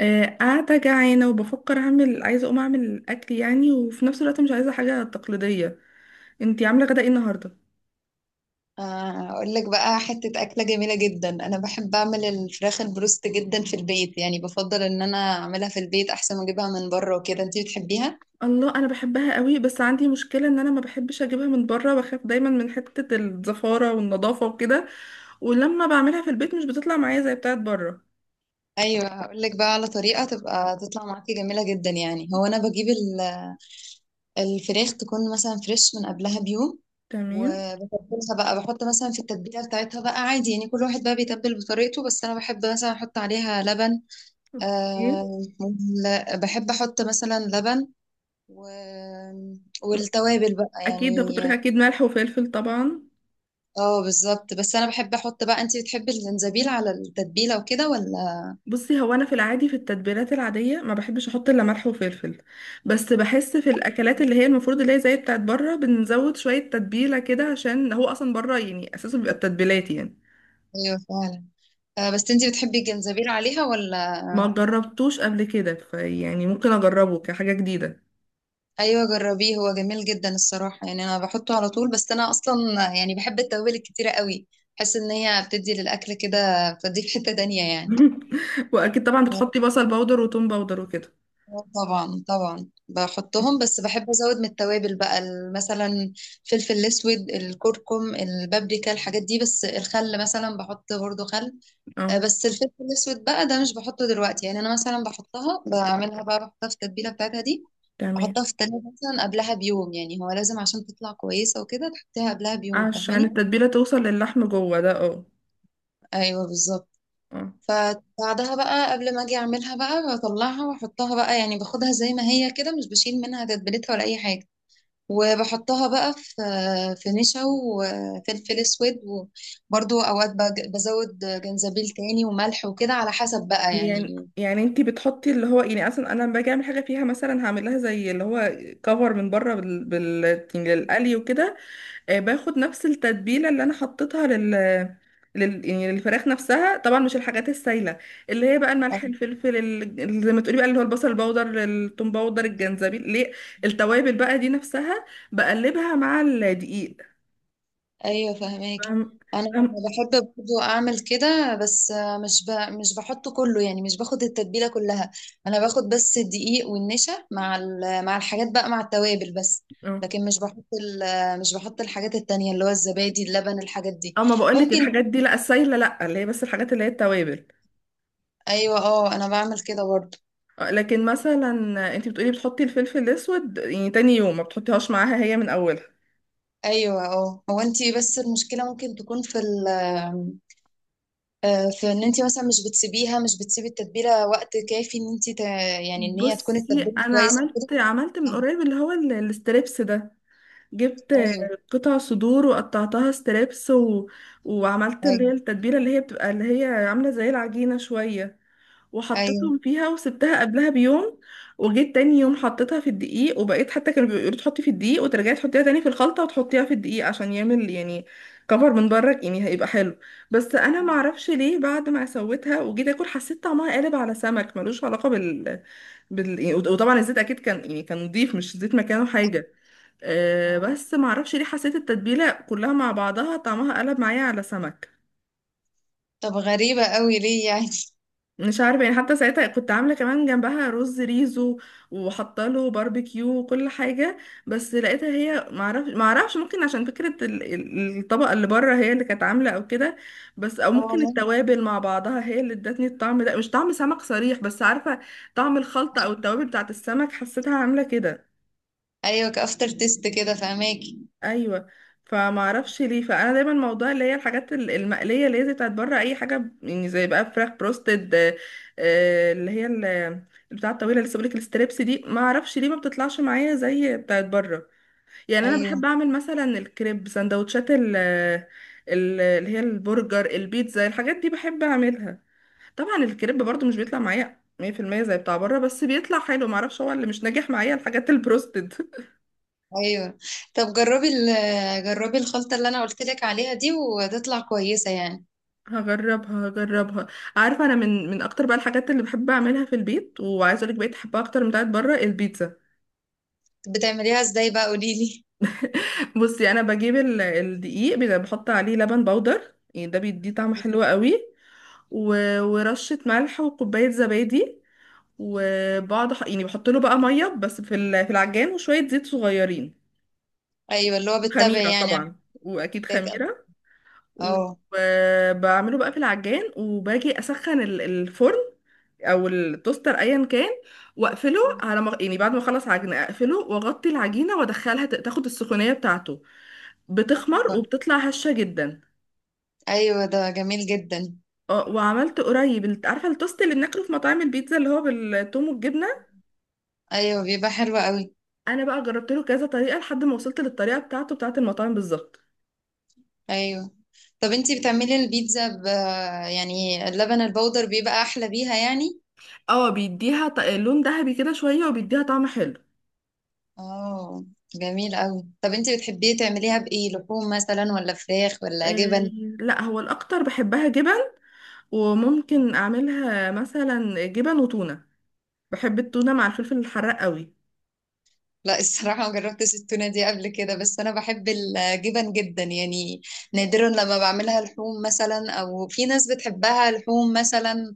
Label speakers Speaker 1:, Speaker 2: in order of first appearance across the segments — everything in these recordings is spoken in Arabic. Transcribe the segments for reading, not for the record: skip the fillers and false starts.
Speaker 1: قاعدة جعانة وبفكر عايزة أقوم أعمل أكل يعني، وفي نفس الوقت مش عايزة حاجة تقليدية. أنتي عاملة غدا إيه النهاردة؟
Speaker 2: اقول لك بقى حتة أكلة جميلة جدا. انا بحب اعمل الفراخ البروست جدا في البيت، يعني بفضل ان انا اعملها في البيت احسن ما اجيبها من بره وكده. انتي بتحبيها؟
Speaker 1: الله أنا بحبها قوي، بس عندي مشكلة إن أنا ما بحبش أجيبها من بره، بخاف دايما من حتة الزفارة والنظافة وكده. ولما بعملها في البيت مش بتطلع معايا زي بتاعت بره.
Speaker 2: ايوه، هقول لك بقى على طريقة تبقى تطلع معاكي جميلة جدا. يعني هو انا بجيب الفراخ تكون مثلا فريش من قبلها بيوم،
Speaker 1: تمام.
Speaker 2: وبتبلها بقى. بحط مثلا في التتبيلة بتاعتها بقى عادي، يعني كل واحد بقى بيتبل بطريقته، بس انا بحب مثلا احط عليها لبن.
Speaker 1: أوكي.
Speaker 2: أه. بحب احط مثلا لبن و... والتوابل بقى
Speaker 1: أكيد ده كنت
Speaker 2: يعني.
Speaker 1: أقولك، أكيد ملح وفلفل طبعا.
Speaker 2: اه بالظبط. بس انا بحب احط بقى، انتي بتحبي الجنزبيل على التتبيله وكده ولا؟
Speaker 1: بصي، هو انا في العادي في التتبيلات العاديه ما بحبش احط الا ملح وفلفل. بس بحس في الاكلات اللي هي المفروض اللي هي زي بتاعت بره بنزود شويه تتبيله كده، عشان هو اصلا بره يعني اساسه بيبقى التتبيلات يعني.
Speaker 2: ايوه فعلا. آه، بس انتي بتحبي الجنزبيل عليها ولا؟
Speaker 1: ما جربتوش قبل كده، فيعني ممكن اجربه كحاجه جديده.
Speaker 2: ايوه جربيه، هو جميل جدا الصراحه، يعني انا بحطه على طول. بس انا اصلا يعني بحب التوابل الكتيره قوي، بحس ان هي بتدي للاكل كده، بتدي في حته تانية يعني.
Speaker 1: واكيد طبعا بتحطي بصل باودر وتوم باودر وكده.
Speaker 2: آه طبعا طبعا بحطهم، بس بحب ازود من التوابل بقى مثلا فلفل الاسود، الكركم، البابريكا، الحاجات دي. بس الخل مثلا بحط برضو خل. آه،
Speaker 1: اه.
Speaker 2: بس الفلفل الاسود بقى ده مش بحطه دلوقتي، يعني انا مثلا بحطها، بعملها بقى، بحطها في التتبيله بتاعتها دي.
Speaker 1: تمام.
Speaker 2: بحطها في التلاجة مثلا قبلها بيوم، يعني هو لازم عشان تطلع كويسه وكده تحطيها قبلها بيوم،
Speaker 1: عشان
Speaker 2: فاهماني؟
Speaker 1: التتبيله توصل للحم جوه، ده اه.
Speaker 2: ايوه بالظبط.
Speaker 1: آه.
Speaker 2: فبعدها بقى قبل ما اجي اعملها بقى، بطلعها واحطها بقى، يعني باخدها زي ما هي كده، مش بشيل منها تتبيلتها ولا اي حاجه، وبحطها بقى في في نشا وفلفل اسود، وبرضو اوقات بزود جنزبيل تاني وملح وكده، على حسب بقى
Speaker 1: يعني
Speaker 2: يعني.
Speaker 1: يعني انتي بتحطي اللي هو يعني اصلا، انا لما باجي اعمل حاجه فيها مثلا هعمل لها زي اللي هو كفر من بره بال بال يعني للقلي وكده. آه، باخد نفس التتبيله اللي انا حطيتها لل لل يعني للفراخ نفسها، طبعا مش الحاجات السايله، اللي هي بقى الملح الفلفل زي ما تقولي بقى اللي هو البصل البودر الثوم باودر الجنزبيل ليه التوابل بقى دي نفسها بقلبها مع الدقيق.
Speaker 2: ايوه فهماك.
Speaker 1: فاهم.
Speaker 2: انا
Speaker 1: فاهم.
Speaker 2: بحب برضو اعمل كده، بس مش ب... مش بحطه كله، يعني مش باخد التتبيله كلها. انا باخد بس الدقيق والنشا مع مع الحاجات بقى، مع التوابل بس.
Speaker 1: اه.
Speaker 2: لكن مش بحط مش بحط الحاجات التانية اللي هو الزبادي، اللبن، الحاجات دي.
Speaker 1: آه، ما بقولك
Speaker 2: ممكن.
Speaker 1: الحاجات دي، لا السايله، لا اللي هي بس الحاجات اللي هي التوابل.
Speaker 2: ايوه اه انا بعمل كده برضو.
Speaker 1: آه، لكن مثلا انتي بتقولي بتحطي الفلفل الاسود يعني تاني يوم، ما بتحطيهاش معاها هي من اولها.
Speaker 2: ايوه اه، هو انت بس المشكله ممكن تكون في ال، آه، في ان انت مثلا مش بتسيبيها، مش بتسيبي التتبيله وقت كافي، ان انت يعني، ان هي تكون
Speaker 1: بصي،
Speaker 2: التتبيله
Speaker 1: انا
Speaker 2: كويسه وكده.
Speaker 1: عملت من
Speaker 2: طب-
Speaker 1: قريب اللي هو الستريبس ده. جبت
Speaker 2: ايوه.
Speaker 1: قطع صدور وقطعتها ستريبس و... وعملت اللي هي
Speaker 2: ايوه.
Speaker 1: التتبيله اللي هي بتبقى اللي هي عامله زي العجينه شويه.
Speaker 2: ايوه.
Speaker 1: وحطيتهم فيها وسبتها قبلها بيوم. وجيت تاني يوم حطيتها في الدقيق، وبقيت حتى كانوا بيقولوا تحطي في الدقيق وترجعي تحطيها تاني في الخلطة وتحطيها في الدقيق عشان يعمل يعني كفر من بره، يعني هيبقى حلو. بس انا ما اعرفش ليه، بعد ما سويتها وجيت اكل حسيت طعمها قالب على سمك ملوش علاقة وطبعا الزيت اكيد كان، يعني كان نضيف، مش زيت مكانه
Speaker 2: أيوة.
Speaker 1: حاجة.
Speaker 2: آه.
Speaker 1: بس ما اعرفش ليه حسيت التتبيلة كلها مع بعضها طعمها قلب معايا على سمك.
Speaker 2: طب غريبه قوي ليه يعني؟
Speaker 1: مش عارفه، يعني حتى ساعتها كنت عامله كمان جنبها رز ريزو، وحاطه له باربيكيو وكل حاجه. بس لقيتها هي، معرفش ممكن عشان فكره الطبقه اللي بره هي اللي كانت عامله او كده. بس او
Speaker 2: آه،
Speaker 1: ممكن
Speaker 2: ممكن.
Speaker 1: التوابل مع بعضها هي اللي ادتني الطعم ده مش طعم سمك صريح، بس عارفه طعم الخلطه او التوابل بتاعت السمك حسيتها عامله كده.
Speaker 2: ايوه كافتر تيست كده، فهماكي؟
Speaker 1: ايوه. فما اعرفش ليه، فانا دايما موضوع اللي هي الحاجات المقليه اللي هي زي بتاعت بره، اي حاجه يعني زي بقى فراخ بروستد اللي هي البتاع الطويله اللي لسه بقولك الستريبس دي، ما اعرفش ليه ما بتطلعش معايا زي بتاعت بره. يعني انا
Speaker 2: ايوه.
Speaker 1: بحب اعمل مثلا الكريب سندوتشات اللي هي البرجر البيتزا الحاجات دي بحب اعملها. طبعا الكريب برضو مش بيطلع معايا 100% زي بتاع بره، بس بيطلع حلو ما اعرفش هو اللي مش ناجح معايا الحاجات البروستد.
Speaker 2: ايوه. طب جربي ال-، جربي الخلطه اللي انا قلت لك عليها دي وتطلع كويسه يعني.
Speaker 1: هجربها. عارفة أنا من أكتر بقى الحاجات اللي بحب أعملها في البيت، وعايزة أقولك بقيت أحبها أكتر من بتاعت بره البيتزا.
Speaker 2: بتعمليها ازاي بقى؟ قولي لي.
Speaker 1: بصي، أنا بجيب الدقيق، بيبقى بحط عليه لبن بودر، يعني ده بيديه طعم حلو قوي. ورشة ملح وكوباية زبادي. وبقعد يعني بحط له بقى مية بس في في العجان وشوية زيت صغيرين.
Speaker 2: ايوه، اللي هو
Speaker 1: وخميرة
Speaker 2: بتتابعي يعني على
Speaker 1: طبعا، وأكيد
Speaker 2: التيك أب.
Speaker 1: خميرة.
Speaker 2: اه.
Speaker 1: وبعمله بقى في العجان، وباجي اسخن الفرن او التوستر ايا كان. واقفله على ما يعني بعد ما اخلص عجينه اقفله واغطي العجينه وادخلها تاخد السخونيه بتاعته. بتخمر
Speaker 2: أيوة.
Speaker 1: وبتطلع هشه جدا.
Speaker 2: أيوة، ده جميل جدا.
Speaker 1: اه، وعملت قريب عارفه التوست اللي بناكله في مطاعم البيتزا، اللي هو بالثوم والجبنه.
Speaker 2: أيوة بيبقى حلو قوي.
Speaker 1: انا بقى جربت له كذا طريقه لحد ما وصلت للطريقه بتاعته بتاعت المطاعم بالظبط.
Speaker 2: أيوة. طب انتي بتعملي البيتزا ب، يعني اللبن البودر بيبقى أحلى بيها يعني؟
Speaker 1: اه، بيديها لون ذهبي كده شويه، وبيديها طعم حلو.
Speaker 2: اه. جميل قوي. طب انتي بتحبيه تعمليها بإيه؟ لحوم مثلا، ولا فراخ، ولا
Speaker 1: آه،
Speaker 2: جبن؟
Speaker 1: لا هو الاكتر بحبها جبن. وممكن اعملها مثلا جبن وتونة. بحب التونة مع الفلفل الحراق قوي.
Speaker 2: لا الصراحة ما جربتش التونة دي قبل كده، بس أنا بحب الجبن جدا يعني. نادرا لما بعملها لحوم مثلا، أو في ناس بتحبها لحوم مثلا،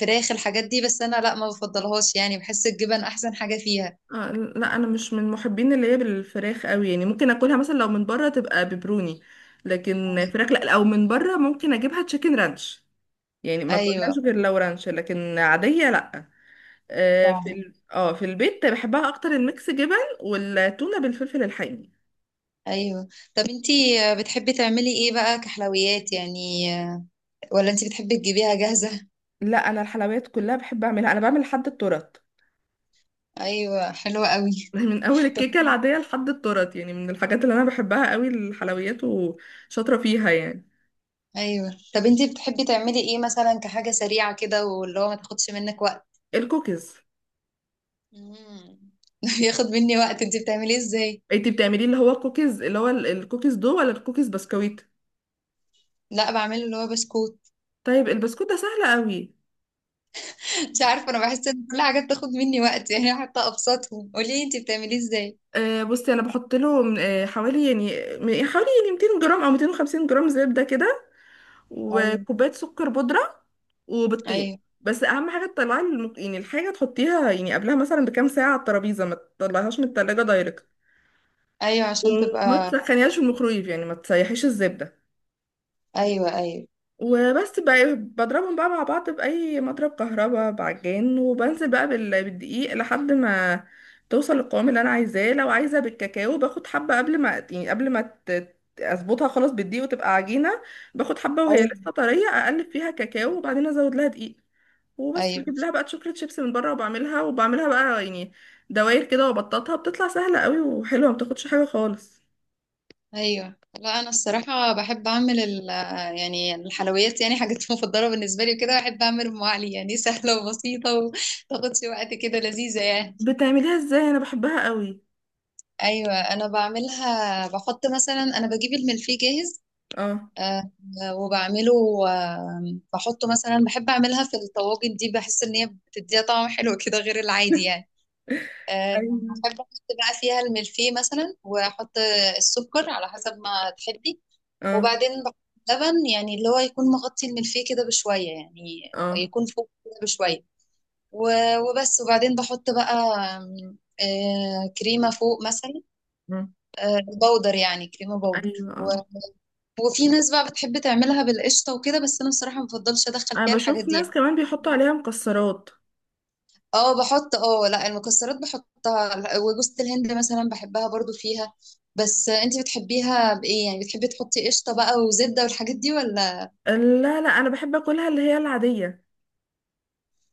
Speaker 2: فراخ، الحاجات دي، بس أنا لا ما بفضلهاش يعني، بحس الجبن أحسن حاجة فيها.
Speaker 1: آه لا، انا مش من محبين اللي هي بالفراخ قوي، يعني ممكن اكلها مثلا لو من بره تبقى ببروني. لكن فراخ لا، او من بره ممكن اجيبها تشيكن رانش، يعني ما اكلهاش
Speaker 2: ايوه.
Speaker 1: غير لو رانش، لكن عادية لا.
Speaker 2: ايوه
Speaker 1: آه في
Speaker 2: فعلا.
Speaker 1: ال... اه في البيت بحبها اكتر الميكس جبن. والتونة بالفلفل الحامي.
Speaker 2: ايوه. طب انتي بتحبي تعملي ايه بقى كحلويات يعني، ولا انتي بتحبي تجيبيها جاهزة؟
Speaker 1: لا، انا الحلويات كلها بحب اعملها، انا بعمل لحد التورت.
Speaker 2: ايوه حلوة قوي.
Speaker 1: من اول
Speaker 2: طب،
Speaker 1: الكيكه العاديه لحد التورت، يعني من الحاجات اللي انا بحبها قوي الحلويات وشاطره فيها يعني.
Speaker 2: ايوه. طب انتي بتحبي تعملي ايه مثلا كحاجة سريعة كده، واللي هو ما تاخدش منك وقت؟
Speaker 1: الكوكيز.
Speaker 2: مم. ياخد مني وقت؟ انتي بتعمليه ازاي؟
Speaker 1: انتي بتعملي اللي هو الكوكيز، اللي هو الكوكيز دو ولا الكوكيز بسكويت؟
Speaker 2: لا بعمله اللي هو بسكوت.
Speaker 1: طيب البسكوت ده سهل قوي.
Speaker 2: مش عارفة انا بحس ان كل حاجة بتاخد مني وقت يعني. حتى ابسطهم قولي لي انتي بتعمليه ازاي.
Speaker 1: آه، بصي انا بحط له حوالي يعني حوالي يعني 200 جرام او 250 جرام زبده كده.
Speaker 2: ايوه
Speaker 1: وكوبايه سكر بودره. وبيضتين،
Speaker 2: ايوه
Speaker 1: بس اهم حاجه تطلعي يعني الحاجه تحطيها يعني قبلها مثلا بكام ساعه على الترابيزه، ما تطلعيهاش من التلاجة دايركت.
Speaker 2: ايوه عشان
Speaker 1: وما
Speaker 2: تبقى.
Speaker 1: تسخنيهاش في الميكرويف، يعني ما تسيحيش الزبدة.
Speaker 2: ايوه.
Speaker 1: وبس بقى بضربهم بقى مع بعض بأي مضرب كهرباء بعجان، وبنزل بقى بالدقيق لحد ما توصل للقوام اللي انا عايزاه. لو عايزه بالكاكاو باخد حبه قبل ما اظبطها خلاص بالدقيق وتبقى عجينه. باخد حبه وهي
Speaker 2: ايوه
Speaker 1: لسه طريه اقلب فيها كاكاو، وبعدين ازود لها دقيق. وبس
Speaker 2: ايوه
Speaker 1: بجيب لها بقى شوكليت شيبس من بره، وبعملها بقى يعني دواير كده، وبططها بتطلع سهله قوي وحلوه، ما بتاخدش حاجه خالص.
Speaker 2: ايوه لا انا الصراحه بحب اعمل ال، يعني الحلويات، يعني حاجات مفضله بالنسبه لي وكده. بحب اعمل ام علي، يعني سهله وبسيطه وتاخدش وقت كده، لذيذه يعني.
Speaker 1: بتعمليها ازاي؟ انا بحبها قوي.
Speaker 2: ايوه انا بعملها بحط مثلا، انا بجيب الملفيه جاهز.
Speaker 1: اه.
Speaker 2: آه، وبعمله. آه، بحطه مثلا. بحب اعملها في الطواجن دي، بحس ان هي بتديها طعم حلو كده غير العادي يعني. آه،
Speaker 1: ايوه
Speaker 2: بحب احط بقى فيها الملفيه مثلا، واحط السكر على حسب ما تحبي،
Speaker 1: اه.
Speaker 2: وبعدين بحط لبن، يعني اللي هو يكون مغطي الملفيه كده بشوية يعني،
Speaker 1: اه.
Speaker 2: يكون فوق كده بشوية. وبس. وبعدين بحط بقى، آم، آه، كريمة فوق مثلا.
Speaker 1: مم.
Speaker 2: آه، بودر، يعني كريمة بودر.
Speaker 1: ايوه
Speaker 2: و...
Speaker 1: اه،
Speaker 2: وفي ناس بقى بتحب تعملها بالقشطة وكده، بس أنا بصراحة ما بفضلش أدخل
Speaker 1: انا
Speaker 2: فيها الحاجات
Speaker 1: بشوف
Speaker 2: دي
Speaker 1: ناس
Speaker 2: يعني.
Speaker 1: كمان بيحطوا عليها مكسرات.
Speaker 2: اه بحط. اه لا، المكسرات بحطها وجوزة الهند مثلا بحبها برضو فيها. بس انتي بتحبيها بإيه يعني؟ بتحبي تحطي قشطة بقى وزبدة والحاجات دي ولا؟
Speaker 1: لا لا، انا بحب اكلها اللي هي العاديه.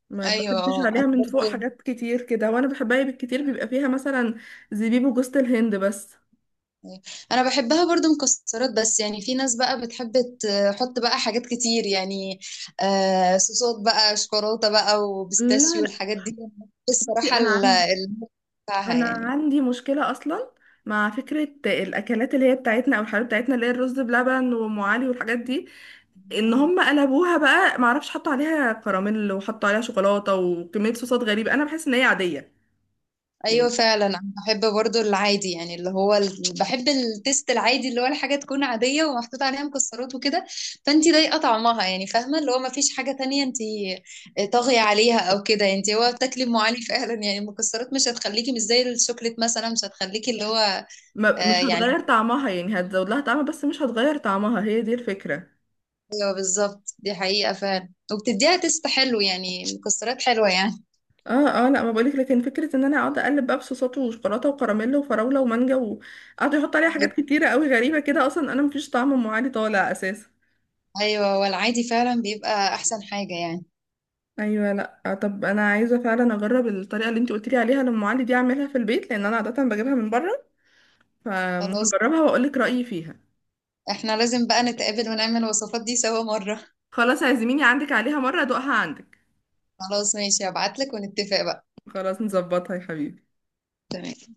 Speaker 1: ما
Speaker 2: ايوه
Speaker 1: بحبش
Speaker 2: اه
Speaker 1: عليها
Speaker 2: انا
Speaker 1: من فوق
Speaker 2: برضو،
Speaker 1: حاجات كتير كده، وانا بحبها بالكتير بيبقى فيها مثلا زبيب وجوز الهند بس.
Speaker 2: انا بحبها برضو مكسرات بس، يعني في ناس بقى بتحب تحط بقى حاجات كتير يعني. آه صوصات بقى، شوكولاتة بقى،
Speaker 1: لا
Speaker 2: وبيستاشيو،
Speaker 1: لا.
Speaker 2: والحاجات دي. بس الصراحة
Speaker 1: بصي، انا عندي انا
Speaker 2: بتاعها
Speaker 1: عندي مشكله اصلا مع فكره الاكلات اللي هي بتاعتنا او الحاجات بتاعتنا اللي هي الرز بلبن وام علي والحاجات دي. ان
Speaker 2: يعني.
Speaker 1: هم قلبوها بقى معرفش حطوا عليها كراميل وحطوا عليها شوكولاته وكميه صوصات غريبه، انا بحس ان هي عاديه يعني.
Speaker 2: ايوه فعلا. انا بحب برضو العادي، يعني اللي هو ال...، بحب التيست العادي اللي هو الحاجه تكون عاديه ومحطوط عليها مكسرات وكده. فانت ضايقه طعمها يعني، فاهمه اللي هو ما فيش حاجه تانية انت، آه، طاغيه عليها او كده يعني. انت هو بتاكلي ام علي فعلا يعني، المكسرات مش هتخليكي مش زي الشوكليت مثلا مش هتخليكي اللي هو، آه،
Speaker 1: ما مش
Speaker 2: يعني.
Speaker 1: هتغير طعمها، يعني هتزود لها طعمها بس مش هتغير طعمها، هي دي الفكره.
Speaker 2: ايوه بالظبط، دي حقيقه فعلا، وبتديها تيست حلو يعني، مكسرات حلوه يعني.
Speaker 1: اه. اه لا ما بقولك، لكن فكره ان انا اقعد اقلب بقى بصوصات وشوكولاته وكراميل وفراوله ومانجا وقعدوا يحطوا عليها حاجات كتيره قوي غريبه كده، اصلا انا مفيش طعم ام علي طالع اساسا.
Speaker 2: ايوه والعادي فعلا بيبقى احسن حاجه يعني.
Speaker 1: ايوه لا آه، طب انا عايزه فعلا اجرب الطريقه اللي انت قلت لي عليها لام علي دي، اعملها في البيت لان انا عاده بجيبها من بره.
Speaker 2: خلاص
Speaker 1: فهجربها واقول لك رايي فيها.
Speaker 2: احنا لازم بقى نتقابل ونعمل الوصفات دي سوا مرة.
Speaker 1: خلاص، عزميني عندك عليها مرة ادوقها عندك.
Speaker 2: خلاص ماشي، هبعتلك ونتفق بقى.
Speaker 1: خلاص نظبطها يا حبيبي.
Speaker 2: تمام.